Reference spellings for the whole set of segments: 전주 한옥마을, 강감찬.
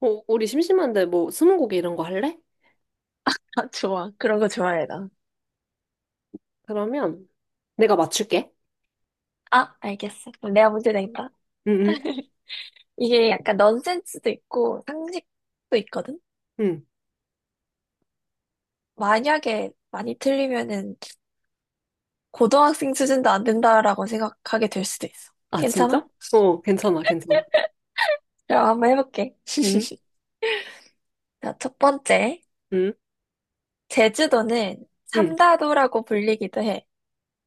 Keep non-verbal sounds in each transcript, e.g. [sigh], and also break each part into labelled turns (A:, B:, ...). A: 우리 심심한데 뭐 스무고개 이런 거 할래?
B: 아, 좋아. 그런 거 좋아해, 나.
A: 그러면 내가 맞출게.
B: 아, 알겠어. 그럼 내가 문제 낸다.
A: 응, 응,
B: [laughs] 이게 약간 넌센스도 있고 상식도 있거든?
A: 응.
B: 만약에 많이 틀리면은 고등학생 수준도 안 된다라고 생각하게 될 수도 있어.
A: 아,
B: 괜찮아?
A: 진짜? 어, 괜찮아, 괜찮아.
B: 그럼 한번 해볼게.
A: 응,
B: [laughs] 자, 첫 번째.
A: 응,
B: 제주도는
A: 응,
B: 삼다도라고 불리기도 해.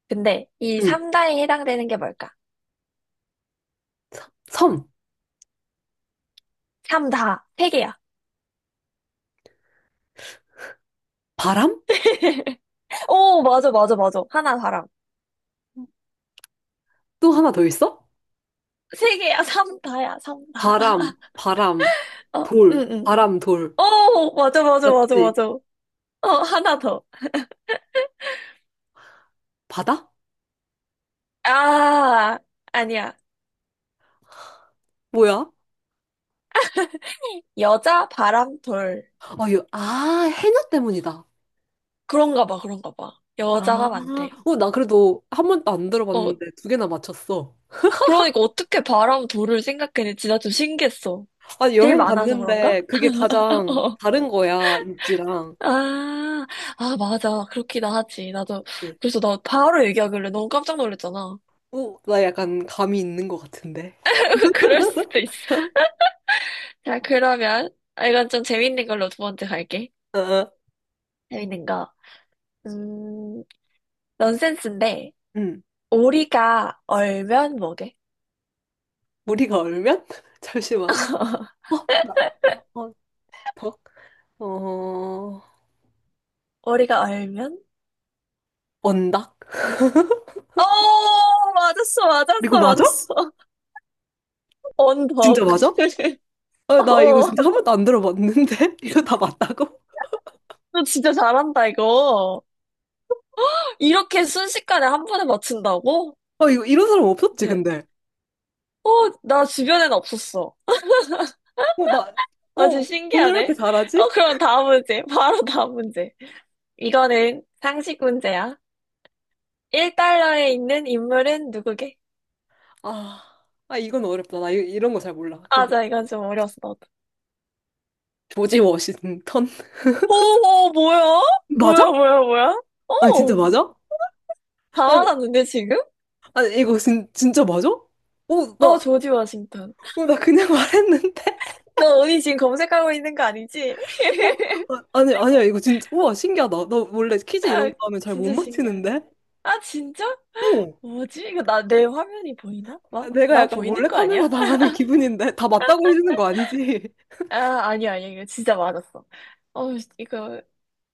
B: 근데 이
A: 응.
B: 삼다에 해당되는 게 뭘까?
A: 섬,
B: 삼다. 세 개야.
A: 바람?
B: [laughs] 오, 맞아, 맞아, 맞아. 하나 사람.
A: 또 하나 더 있어?
B: 세 개야, 삼다야, 삼다.
A: 바람, 바람,
B: 어,
A: 돌,
B: 응, 응.
A: 바람, 돌.
B: 어, 맞아, 맞아, 맞아,
A: 맞지?
B: 맞아. 어, 하나 더.
A: 바다?
B: 아, 아니야.
A: 뭐야?
B: 여자 바람돌.
A: 아, 이거, 아, 해녀 때문이다.
B: 그런가 봐, 그런가 봐.
A: 아,
B: 여자가 많대요.
A: 나 그래도 한 번도 안 들어봤는데
B: 어,
A: 2개나 맞췄어.
B: 그러니까 어떻게 바람돌을 생각했는지 나 좀 신기했어.
A: 아,
B: 제일
A: 여행
B: 많아서 그런가?
A: 갔는데 그게
B: [laughs]
A: 가장
B: 어.
A: 다른 거야, 일지랑.
B: 아, 아, 맞아. 그렇기도 하지. 나도, 그래서 나 바로 얘기하길래 너무 깜짝 놀랐잖아.
A: 오, 나 약간 감이 있는 것 같은데.
B: [laughs] 그럴 수도 있어. [laughs] 자, 그러면, 아, 이건 좀 재밌는 걸로 두 번째 갈게.
A: 어, 어,
B: 재밌는 거. 음, 넌센스인데,
A: 음.
B: 오리가 얼면 뭐게?
A: 우리가 얼면? [laughs] 잠시만. 어, 나, 어, 덕? 어,
B: 오리가 얼면?
A: 언덕? [laughs]
B: 어, 맞았어,
A: 이거
B: 맞았어,
A: 맞아?
B: 맞았어.
A: 진짜
B: 언덕.
A: 맞아?
B: [laughs]
A: 아, 나 이거
B: 어,
A: 진짜 한 번도 안 들어봤는데? [laughs] 이거 다 맞다고?
B: 너 진짜 잘한다, 이거. 이렇게 순식간에 한 번에 맞춘다고?
A: 아, 이거 이런 사람 없었지,
B: 네.
A: 근데.
B: 어, 나 주변엔 없었어.
A: 어, 나,
B: 아, 진짜
A: 오늘 왜 이렇게
B: 신기하네. 어,
A: 잘하지?
B: 그럼 다음 문제. [laughs] 바로 다음 문제. 이거는 상식 문제야. 1달러에 있는 인물은 누구게?
A: 아, 아, 이건 어렵다. 나 이 런 거 잘 몰라.
B: 아, 자, 이건 좀 어려웠어.
A: 조지 워싱턴? [laughs]
B: 어, 어, 뭐야? 뭐야,
A: 맞아?
B: 뭐야, 뭐야?
A: 아, 진짜
B: 어,
A: 맞아?
B: 다
A: 아,
B: 맞았는데, 지금?
A: 아 이거 진짜 맞아?
B: 어, 조지 워싱턴.
A: 나 그냥 말했는데? [laughs]
B: 너 어디 지금 검색하고 있는 거 아니지?
A: 어?
B: [laughs]
A: 아, 아니, 아니야, 이거 진짜. 우와, 신기하다. 나 원래 퀴즈 이런
B: 아,
A: 거 하면 잘 못
B: 진짜 신기하네.
A: 맞히는데?
B: 아, 진짜?
A: 어.
B: 뭐지? 이거 내 화면이 보이나? 막?
A: 내가
B: 나
A: 약간
B: 보이는
A: 몰래
B: 거
A: 카메라
B: 아니야? [laughs]
A: 당하는 기분인데? 다 맞다고 해주는 거 아니지? [laughs]
B: 아, 아니야, 아니야. 이거 진짜 맞았어. 어, 이거,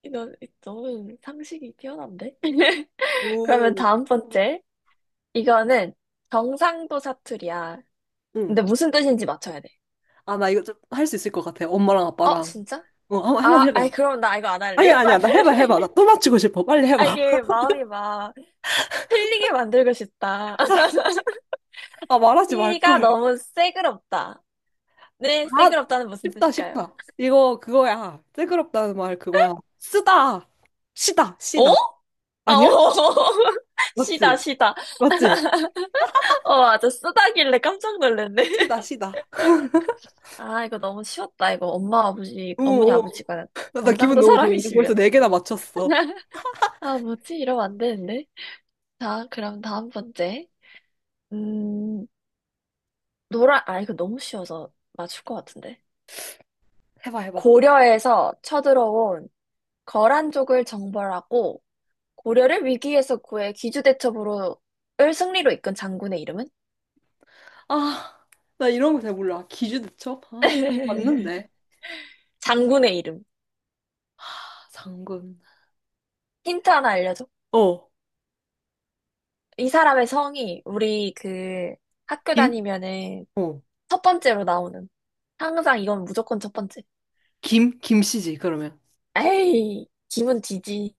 B: 이거 너무 상식이 뛰어난데? [laughs] 그러면
A: 오.
B: 다음 번째. 이거는 경상도 사투리야.
A: 응.
B: 근데 무슨 뜻인지 맞춰야 돼.
A: 아, 나 이거 좀 할 수 있을 것 같아. 엄마랑
B: 어,
A: 아빠랑.
B: 진짜?
A: 한번
B: 아,
A: 해봐.
B: 아이, 그럼 나 이거 안 할래.
A: 아니야,
B: [laughs] 이거
A: 아니야.
B: 안
A: 나 해봐,
B: 할래.
A: 해봐. 나 또
B: [laughs]
A: 맞추고 싶어. 빨리 해봐.
B: 아, 이게
A: [laughs]
B: 마음이 막 틀리게 만들고 싶다. [laughs]
A: 아, 말하지
B: 키가
A: 말걸.
B: 너무 새그럽다. 네,
A: 아,
B: 새그럽다는 무슨
A: 쉽다,
B: 뜻일까요?
A: 쉽다. 이거 그거야. 뜬그럽다는 말 그거야. 쓰다. 시다,
B: 어?
A: 시다.
B: 아,
A: 아니야?
B: 어. [laughs] 시다,
A: 맞지?
B: 시다.
A: 맞지?
B: [laughs] 어, 맞아. 쓰다길래 깜짝 놀랐네.
A: 시다,
B: [laughs]
A: 시다.
B: 아, 이거 너무 쉬웠다. 이거 엄마, 아버지, 어머니,
A: 어어.
B: 아버지가
A: 나 기분
B: 경상도
A: 너무 좋은데? 벌써
B: 사람이시면.
A: 4개나 맞췄어.
B: [laughs] 아, 뭐지? 이러면 안 되는데. 자, 그럼 다음 번째. 음, 노란, 아, 이거 너무 쉬워서 맞출 것 같은데.
A: 해봐, 해봐.
B: 고려에서 쳐들어온 거란족을 정벌하고 고려를 위기에서 구해 기주대첩으로을 승리로 이끈 장군의 이름은?
A: 아, 나 이런 거 잘 몰라. 기주대첩? 아,
B: [laughs]
A: 맞는데.
B: 장군의 이름.
A: 아, 장군.
B: 힌트 하나 알려줘.
A: 어.
B: 이 사람의 성이 우리 그 학교
A: 김?
B: 다니면은
A: 어.
B: 첫 번째로 나오는. 항상 이건 무조건 첫 번째.
A: 김? 김씨지, 그러면.
B: 에이, 기분 뒤지.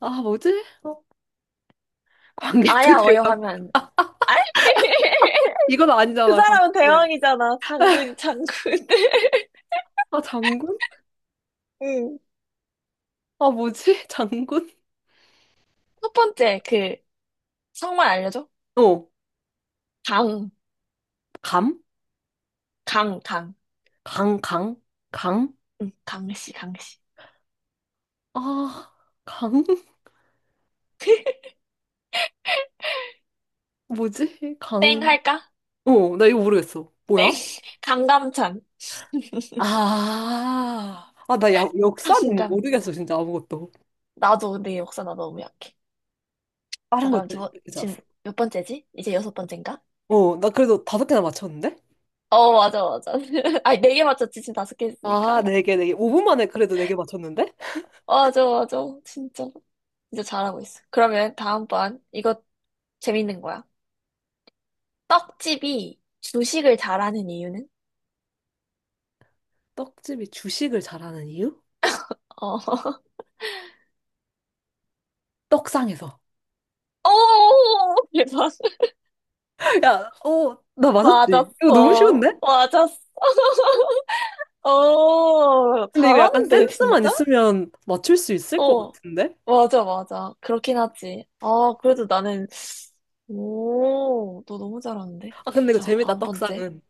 A: 아, 뭐지? 어. 광개토
B: 아야 어여
A: 대왕.
B: 하면. 아이, [laughs]
A: 이건
B: 그
A: 아니잖아, 광개토
B: 사람은
A: 대왕.
B: 대왕이잖아. 장군, 장군. [laughs]
A: 아, 장군?
B: 응.
A: 아, 뭐지? [laughs] 장군?
B: 첫 번째 그 성만 알려줘.
A: 어.
B: 강,
A: 감?
B: 강.
A: 강, 강? 강?
B: 응, 강씨, 강씨.
A: 아, 강? [laughs]
B: [laughs]
A: 뭐지?
B: 땡
A: 강.
B: 할까?
A: 어, 나 이거 모르겠어. 뭐야?
B: 땡. [laughs] 강감찬.
A: 아, 아, 나 야, 역사는
B: 강감찬.
A: 모르겠어, 진짜 아무것도.
B: 나도 내 역사 나 너무 약해. 자,
A: 다른 것도
B: 그럼 두 번, 지금
A: 괜찮았어.
B: 몇 번째지? 이제 여섯 번째인가?
A: 어, 나 그래도 5개나 맞췄는데?
B: 어, 맞아, 맞아. [laughs] 아니, 네 개 맞췄지. 지금 다섯 개
A: 아,
B: 했으니까.
A: 4개, 4개. 5분 만에 그래도 4개 맞췄는데?
B: 맞아, 맞아. 진짜. 진짜 잘하고 있어. 그러면 다음번, 이거 재밌는 거야. 떡집이 주식을 잘하는 이유는?
A: 떡집이 주식을 잘하는 이유?
B: 어. [laughs]
A: 떡상에서.
B: 오, 대박.
A: [laughs] 야, 나 맞았지? 이거 너무
B: 맞았어.
A: 쉬운데?
B: 맞았어. [laughs] 어,
A: 근데 이거 약간
B: 잘하는데,
A: 센스만
B: 진짜?
A: 있으면 맞출 수 있을 것
B: 어,
A: 같은데?
B: 맞아, 맞아. 그렇긴 하지. 아, 그래도 나는, 오, 너 너무 잘하는데?
A: 아, 근데 이거
B: 자,
A: 재밌다,
B: 다음 번째.
A: 떡상은.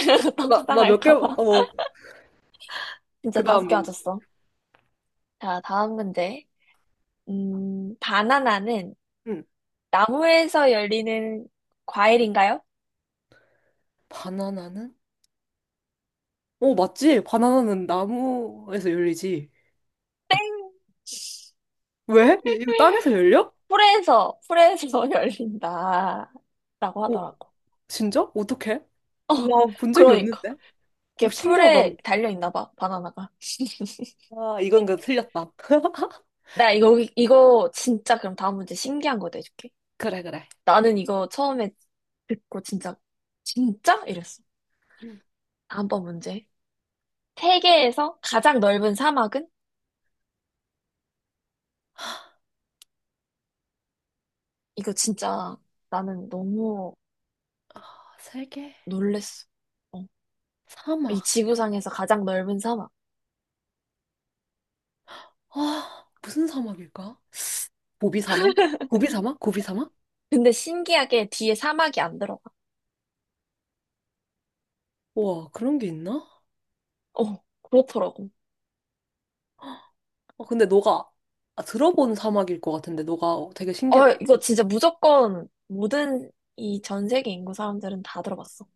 B: [laughs]
A: 나 몇 개,
B: 떡상할까봐.
A: 그
B: 진짜 다섯
A: 다음
B: 개
A: 문제.
B: 맞았어. 자, 다음 문제. 바나나는
A: 응.
B: 나무에서 열리는 과일인가요?
A: 바나나는? 어, 맞지? 바나나는 나무에서 열리지. 왜? 이거 땅에서 열려?
B: 풀에서 [laughs] 열린다. 라고
A: 오,
B: 하더라고.
A: 진짜? 어떡해? 나
B: 어,
A: 본 적이
B: 그러니까.
A: 없는데? 오,
B: 이게
A: 신기하다.
B: 풀에 달려 있나 봐, 바나나가. [laughs]
A: 아, 이건 그 틀렸다. [laughs]
B: 나 이거, 이거 진짜 그럼 다음 문제 신기한 거 내줄게.
A: 그래, 그래.
B: 나는 이거 처음에 듣고 진짜, 진짜? 이랬어. 다음번 문제. 세계에서 가장 넓은 사막은? 이거 진짜 나는 너무
A: 아, 세계
B: 놀랬어. 어. 이
A: 사막.
B: 지구상에서 가장 넓은 사막.
A: 아, 무슨 사막일까? 고비 사막? 고비 사막? 고비 사막?
B: 근데 신기하게 뒤에 사막이 안 들어가.
A: 우와, 그런 게 있나?
B: 어, 그렇더라고.
A: 아, 근데 너가 아, 들어본 사막일 것 같은데, 너가 되게
B: 어,
A: 신기했던
B: 이거 진짜 무조건 모든 이 전 세계 인구 사람들은 다 들어봤어.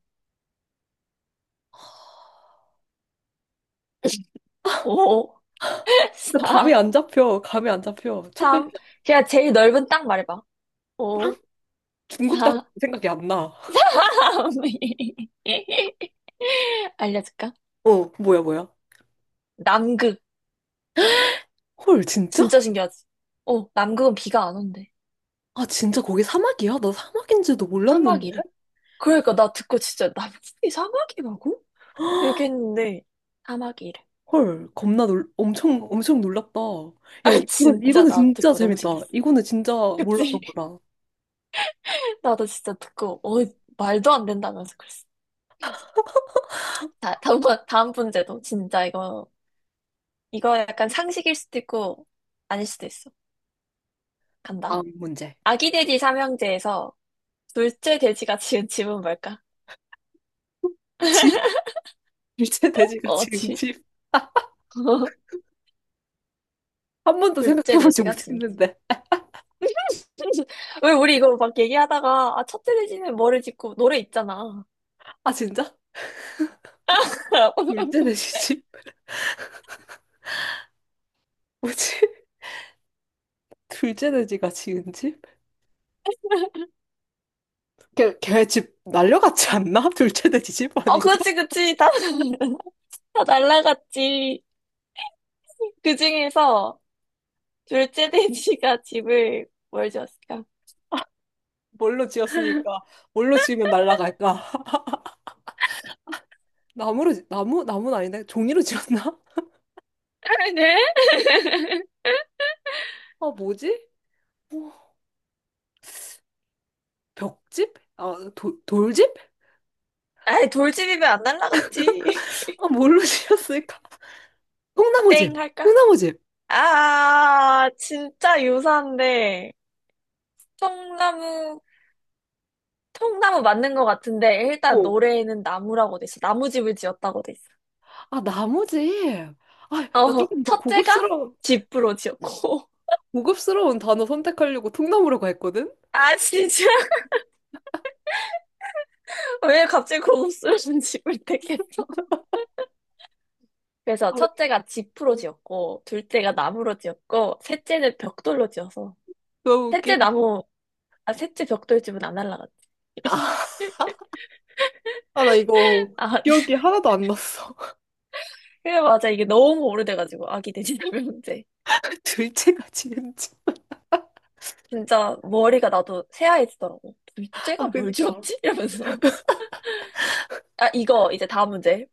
B: [laughs] 오. [laughs]
A: 나
B: 4,
A: 감이 안 잡혀, 감이 안 잡혀. 첫 글자,
B: 3. 그냥 제일 넓은 땅 말해봐.
A: 빵?
B: 5, 4,
A: 중국 땅 생각이 안 나.
B: 3. [laughs] 알려줄까?
A: 뭐야, 뭐야?
B: 남극.
A: 헐, 진짜?
B: 진짜 신기하지? 어, 남극은 비가 안 온대.
A: 아, 진짜 거기 사막이야? 나 사막인지도 몰랐는데?
B: 사막이래. 그러니까 나 듣고 진짜 남극이 사막이라고? 이렇게 했는데, 사막이래.
A: 헐, 겁나 엄청, 엄청 놀랐다.
B: [laughs]
A: 야,
B: 아,
A: 이거,
B: 진짜
A: 이거는
B: 나
A: 진짜
B: 듣고 너무
A: 재밌다.
B: 신기했어.
A: 이거는 진짜 몰랐던
B: 그치?
A: 거다.
B: [laughs] 나도 진짜 듣고, 어, 말도 안 된다면서 그랬어. 자, 다음 문제도 진짜 이거, 이거 약간 상식일 수도 있고, 아닐 수도 있어. 간다.
A: 다음 문제.
B: 아기 돼지 삼형제에서 둘째 돼지가 지은 집은 뭘까?
A: 집, [laughs] 둘째 돼지가
B: 어,
A: 지금
B: 지.
A: 집.
B: [laughs]
A: 한 번도
B: 둘째
A: 생각해보지
B: 돼지가 지은 집.
A: 못했는데.
B: [laughs] 왜 우리 이거 막 얘기하다가, 아, 첫째 돼지는 뭐를 짓고, 노래 있잖아.
A: 아, 진짜? 둘째 돼지
B: [laughs]
A: 집? 뭐지? [laughs] 둘째 돼지가 지은 집? 걔집 날려갔지 않나? [laughs] 둘째 돼지 집
B: 어,
A: 아닌가?
B: 그렇지, 그렇지. 다, [laughs] 다 날라갔지. 그 중에서 둘째 돼지가 집을 뭘 지었을까?
A: 뭘로 지었으니까. 뭘로 지으면 날라갈까? 나무로, 나무? 나무는 아닌데? 종이로 지었나? [laughs]
B: [laughs] 네?
A: 아, 뭐지? 뭐, 벽집? 아, 돌집?
B: 아이, 돌집이면 안 날라갔지. [laughs]
A: 아, 뭘로 지었을까? 통나무집.
B: 땡 할까?
A: 통나무집.
B: 아, 진짜 유사한데. 청나무 통나무 맞는 것 같은데 일단
A: 어.
B: 노래에는 나무라고 돼 있어. 나무집을 지었다고 돼 있어.
A: 아, 나무집. 아, 나
B: 어,
A: 조금 더
B: 첫째가
A: 고급스러운,
B: 집으로 지었고. [laughs]
A: 고급스러운 단어 선택하려고 통나무라고 했거든?
B: 아, 진짜? [laughs] 왜 갑자기 고급스러운 집을 택했어? [laughs]
A: 아,
B: 그래서 첫째가 집으로 지었고, 둘째가 나무로 지었고, 셋째는 벽돌로 지어서.
A: 너무
B: 셋째
A: 웃기다.
B: 나무, 아, 셋째 벽돌집은 안 날라갔다.
A: 아, 나 이거
B: 아,
A: 기억이
B: [laughs]
A: 하나도 안 났어.
B: 그래, 맞아. 이게 너무 오래돼가지고, 아기 돼지나무 문제.
A: [laughs] 둘째가 지은지.
B: 진짜 머리가 나도 새하얘지더라고.
A: 아,
B: 둘째가 뭘
A: 그니까.
B: 지었지? [laughs] 이러면서. 아, 이거 이제 다음 문제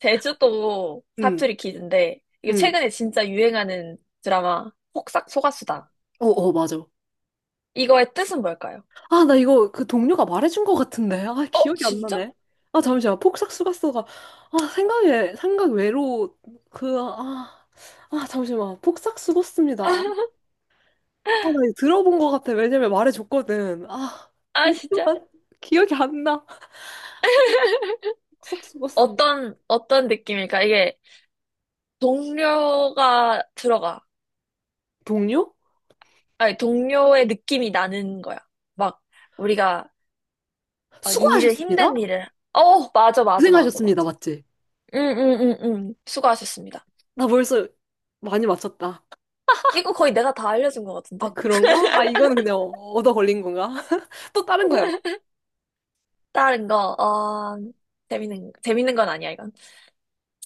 B: 제주도
A: 응,
B: 사투리 퀴즈인데, 이거
A: 응.
B: 최근에 진짜 유행하는 드라마, 폭싹 속았수다.
A: 어, 어, 맞아.
B: 이거의 뜻은 뭘까요?
A: 아, 나 이거 그 동료가 말해준 것 같은데. 아,
B: 어,
A: 기억이 안
B: 진짜?
A: 나네. 아, 잠시만. 폭삭 수고스가 아, 생각에, 생각 외로, 아, 아, 잠시만. 폭삭 고았습니다 아,
B: [laughs]
A: 나 이거 들어본 것 같아. 왜냐면 말해줬거든. 아,
B: 아, 진짜?
A: 잠시만. 기억이 안 나. 폭삭 고았습니다
B: 어떤, 어떤 느낌일까? 이게, 동료가 들어가.
A: 동료?
B: 아니, 동료의 느낌이 나는 거야. 막, 우리가, 막, 이 일을,
A: 수고하셨습니다.
B: 힘든 일을. 어, 맞아, 맞아, 맞아, 맞아.
A: 고생하셨습니다. 맞지?
B: 응, 응, 응, 응. 수고하셨습니다.
A: 나 벌써 많이 맞췄다.
B: 이거 거의 내가 다 알려준 것 같은데.
A: 아, 그런가? 아, 이거는 그냥 얻어 걸린 건가? [laughs] 또 다른 거 해봐.
B: 다른 거, 어, 재밌는, 재밌는 건 아니야, 이건.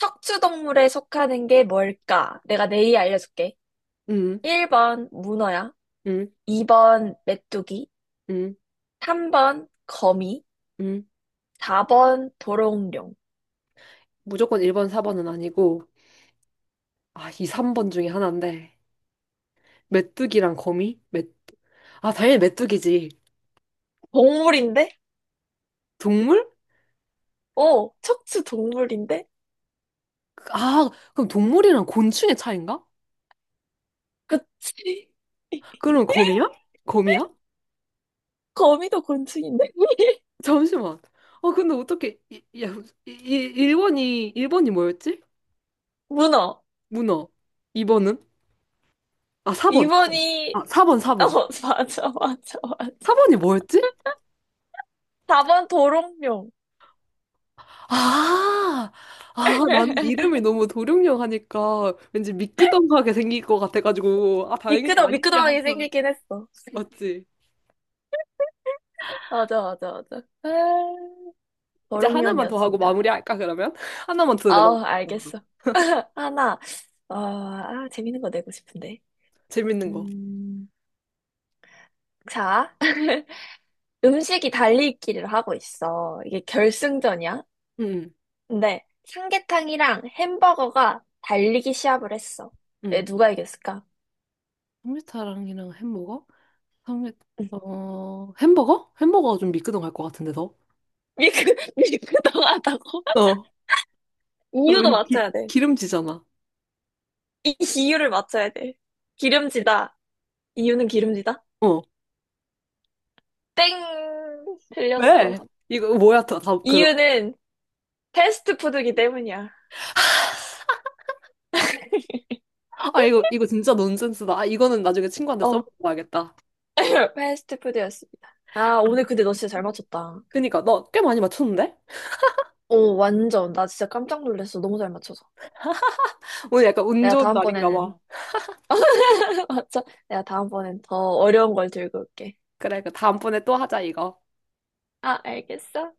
B: 척추동물에 속하는 게 뭘까? 내가 내일 알려줄게.
A: 음,
B: 1번 문어야.
A: 음,
B: 2번 메뚜기.
A: 음,
B: 3번 거미.
A: 음.
B: 4번 도롱뇽.
A: 무조건 1번, 4번은 아니고, 아, 2, 3번 중에 하나인데, 메뚜기랑 거미? 메... 아, 당연히 메뚜기지.
B: 동물인데?
A: 동물?
B: 어, 척추 동물인데?
A: 아, 그럼 동물이랑 곤충의 차이인가?
B: 그치? [laughs]
A: 그럼 거미야? 거미야?
B: 거미도 곤충인데? [laughs]
A: 잠시만. 아, 근데 어떻게, 야, 1번이, 일 번이 뭐였지?
B: 문어.
A: 문어. 2번은? 아, 사번 4번.
B: 2번이,
A: 아, 4번,
B: 어,
A: 4번.
B: [laughs] 맞아, 맞아, 맞아.
A: 4번이 뭐였지?
B: 4번 도롱뇽.
A: 아, 아, 나는
B: [laughs]
A: 이름이 너무 도룡뇽 하니까 왠지 미끄덩하게 생길 것 같아가지고, 아, 다행히 아니지
B: 미끄덩하게
A: 하고.
B: 생기긴 했어. [laughs]
A: 맞지?
B: 맞아, 맞아, 맞아. 아,
A: 이제 하나만 더 하고
B: 도롱뇽이었습니다.
A: 마무리할까, 그러면? [laughs] 하나만 더 내봐.
B: 아, 알겠어. [laughs] 하나. 어, 아, 재밌는 거 내고 싶은데.
A: 재밌는 거.
B: 음, 자, [laughs] 음식이 달리기를 하고 있어. 이게 결승전이야.
A: 응,
B: 근데 삼계탕이랑 햄버거가 달리기 시합을 했어.
A: 응.
B: 에, 누가 이겼을까?
A: 삼계탕이랑 햄버거? 삼계, 햄버거? 햄버거가 좀 미끄덩할 것 같은데, 더?
B: [laughs] 미크미크덩하다고
A: 어,
B: [laughs] 이유도
A: 왠
B: 맞춰야 돼.
A: 기름지잖아.
B: 이 이유를 맞춰야 돼. 기름지다. 이유는 기름지다?
A: 어.
B: 땡!
A: 왜?
B: 틀렸어.
A: 이거 뭐야, 다 그럼.
B: 이유는 패스트푸드기 때문이야. [laughs]
A: 아, 이거 진짜 논센스다. 아, 이거는 나중에 친구한테
B: 어.
A: 써먹어야겠다.
B: [laughs] 패스트푸드였습니다. 아, 오늘 근데 너 진짜 잘 맞췄다.
A: 그니까 너 꽤 많이 맞췄는데?
B: 오, 완전. 나 진짜 깜짝 놀랐어. 너무 잘 맞춰서.
A: 오늘 약간 운
B: 내가
A: 좋은 날인가
B: 다음번에는,
A: 봐.
B: [laughs] 맞춰 내가 다음번엔 더 어려운 걸 들고 올게.
A: 그래, 그 다음번에 또 하자, 이거.
B: 아, 알겠어.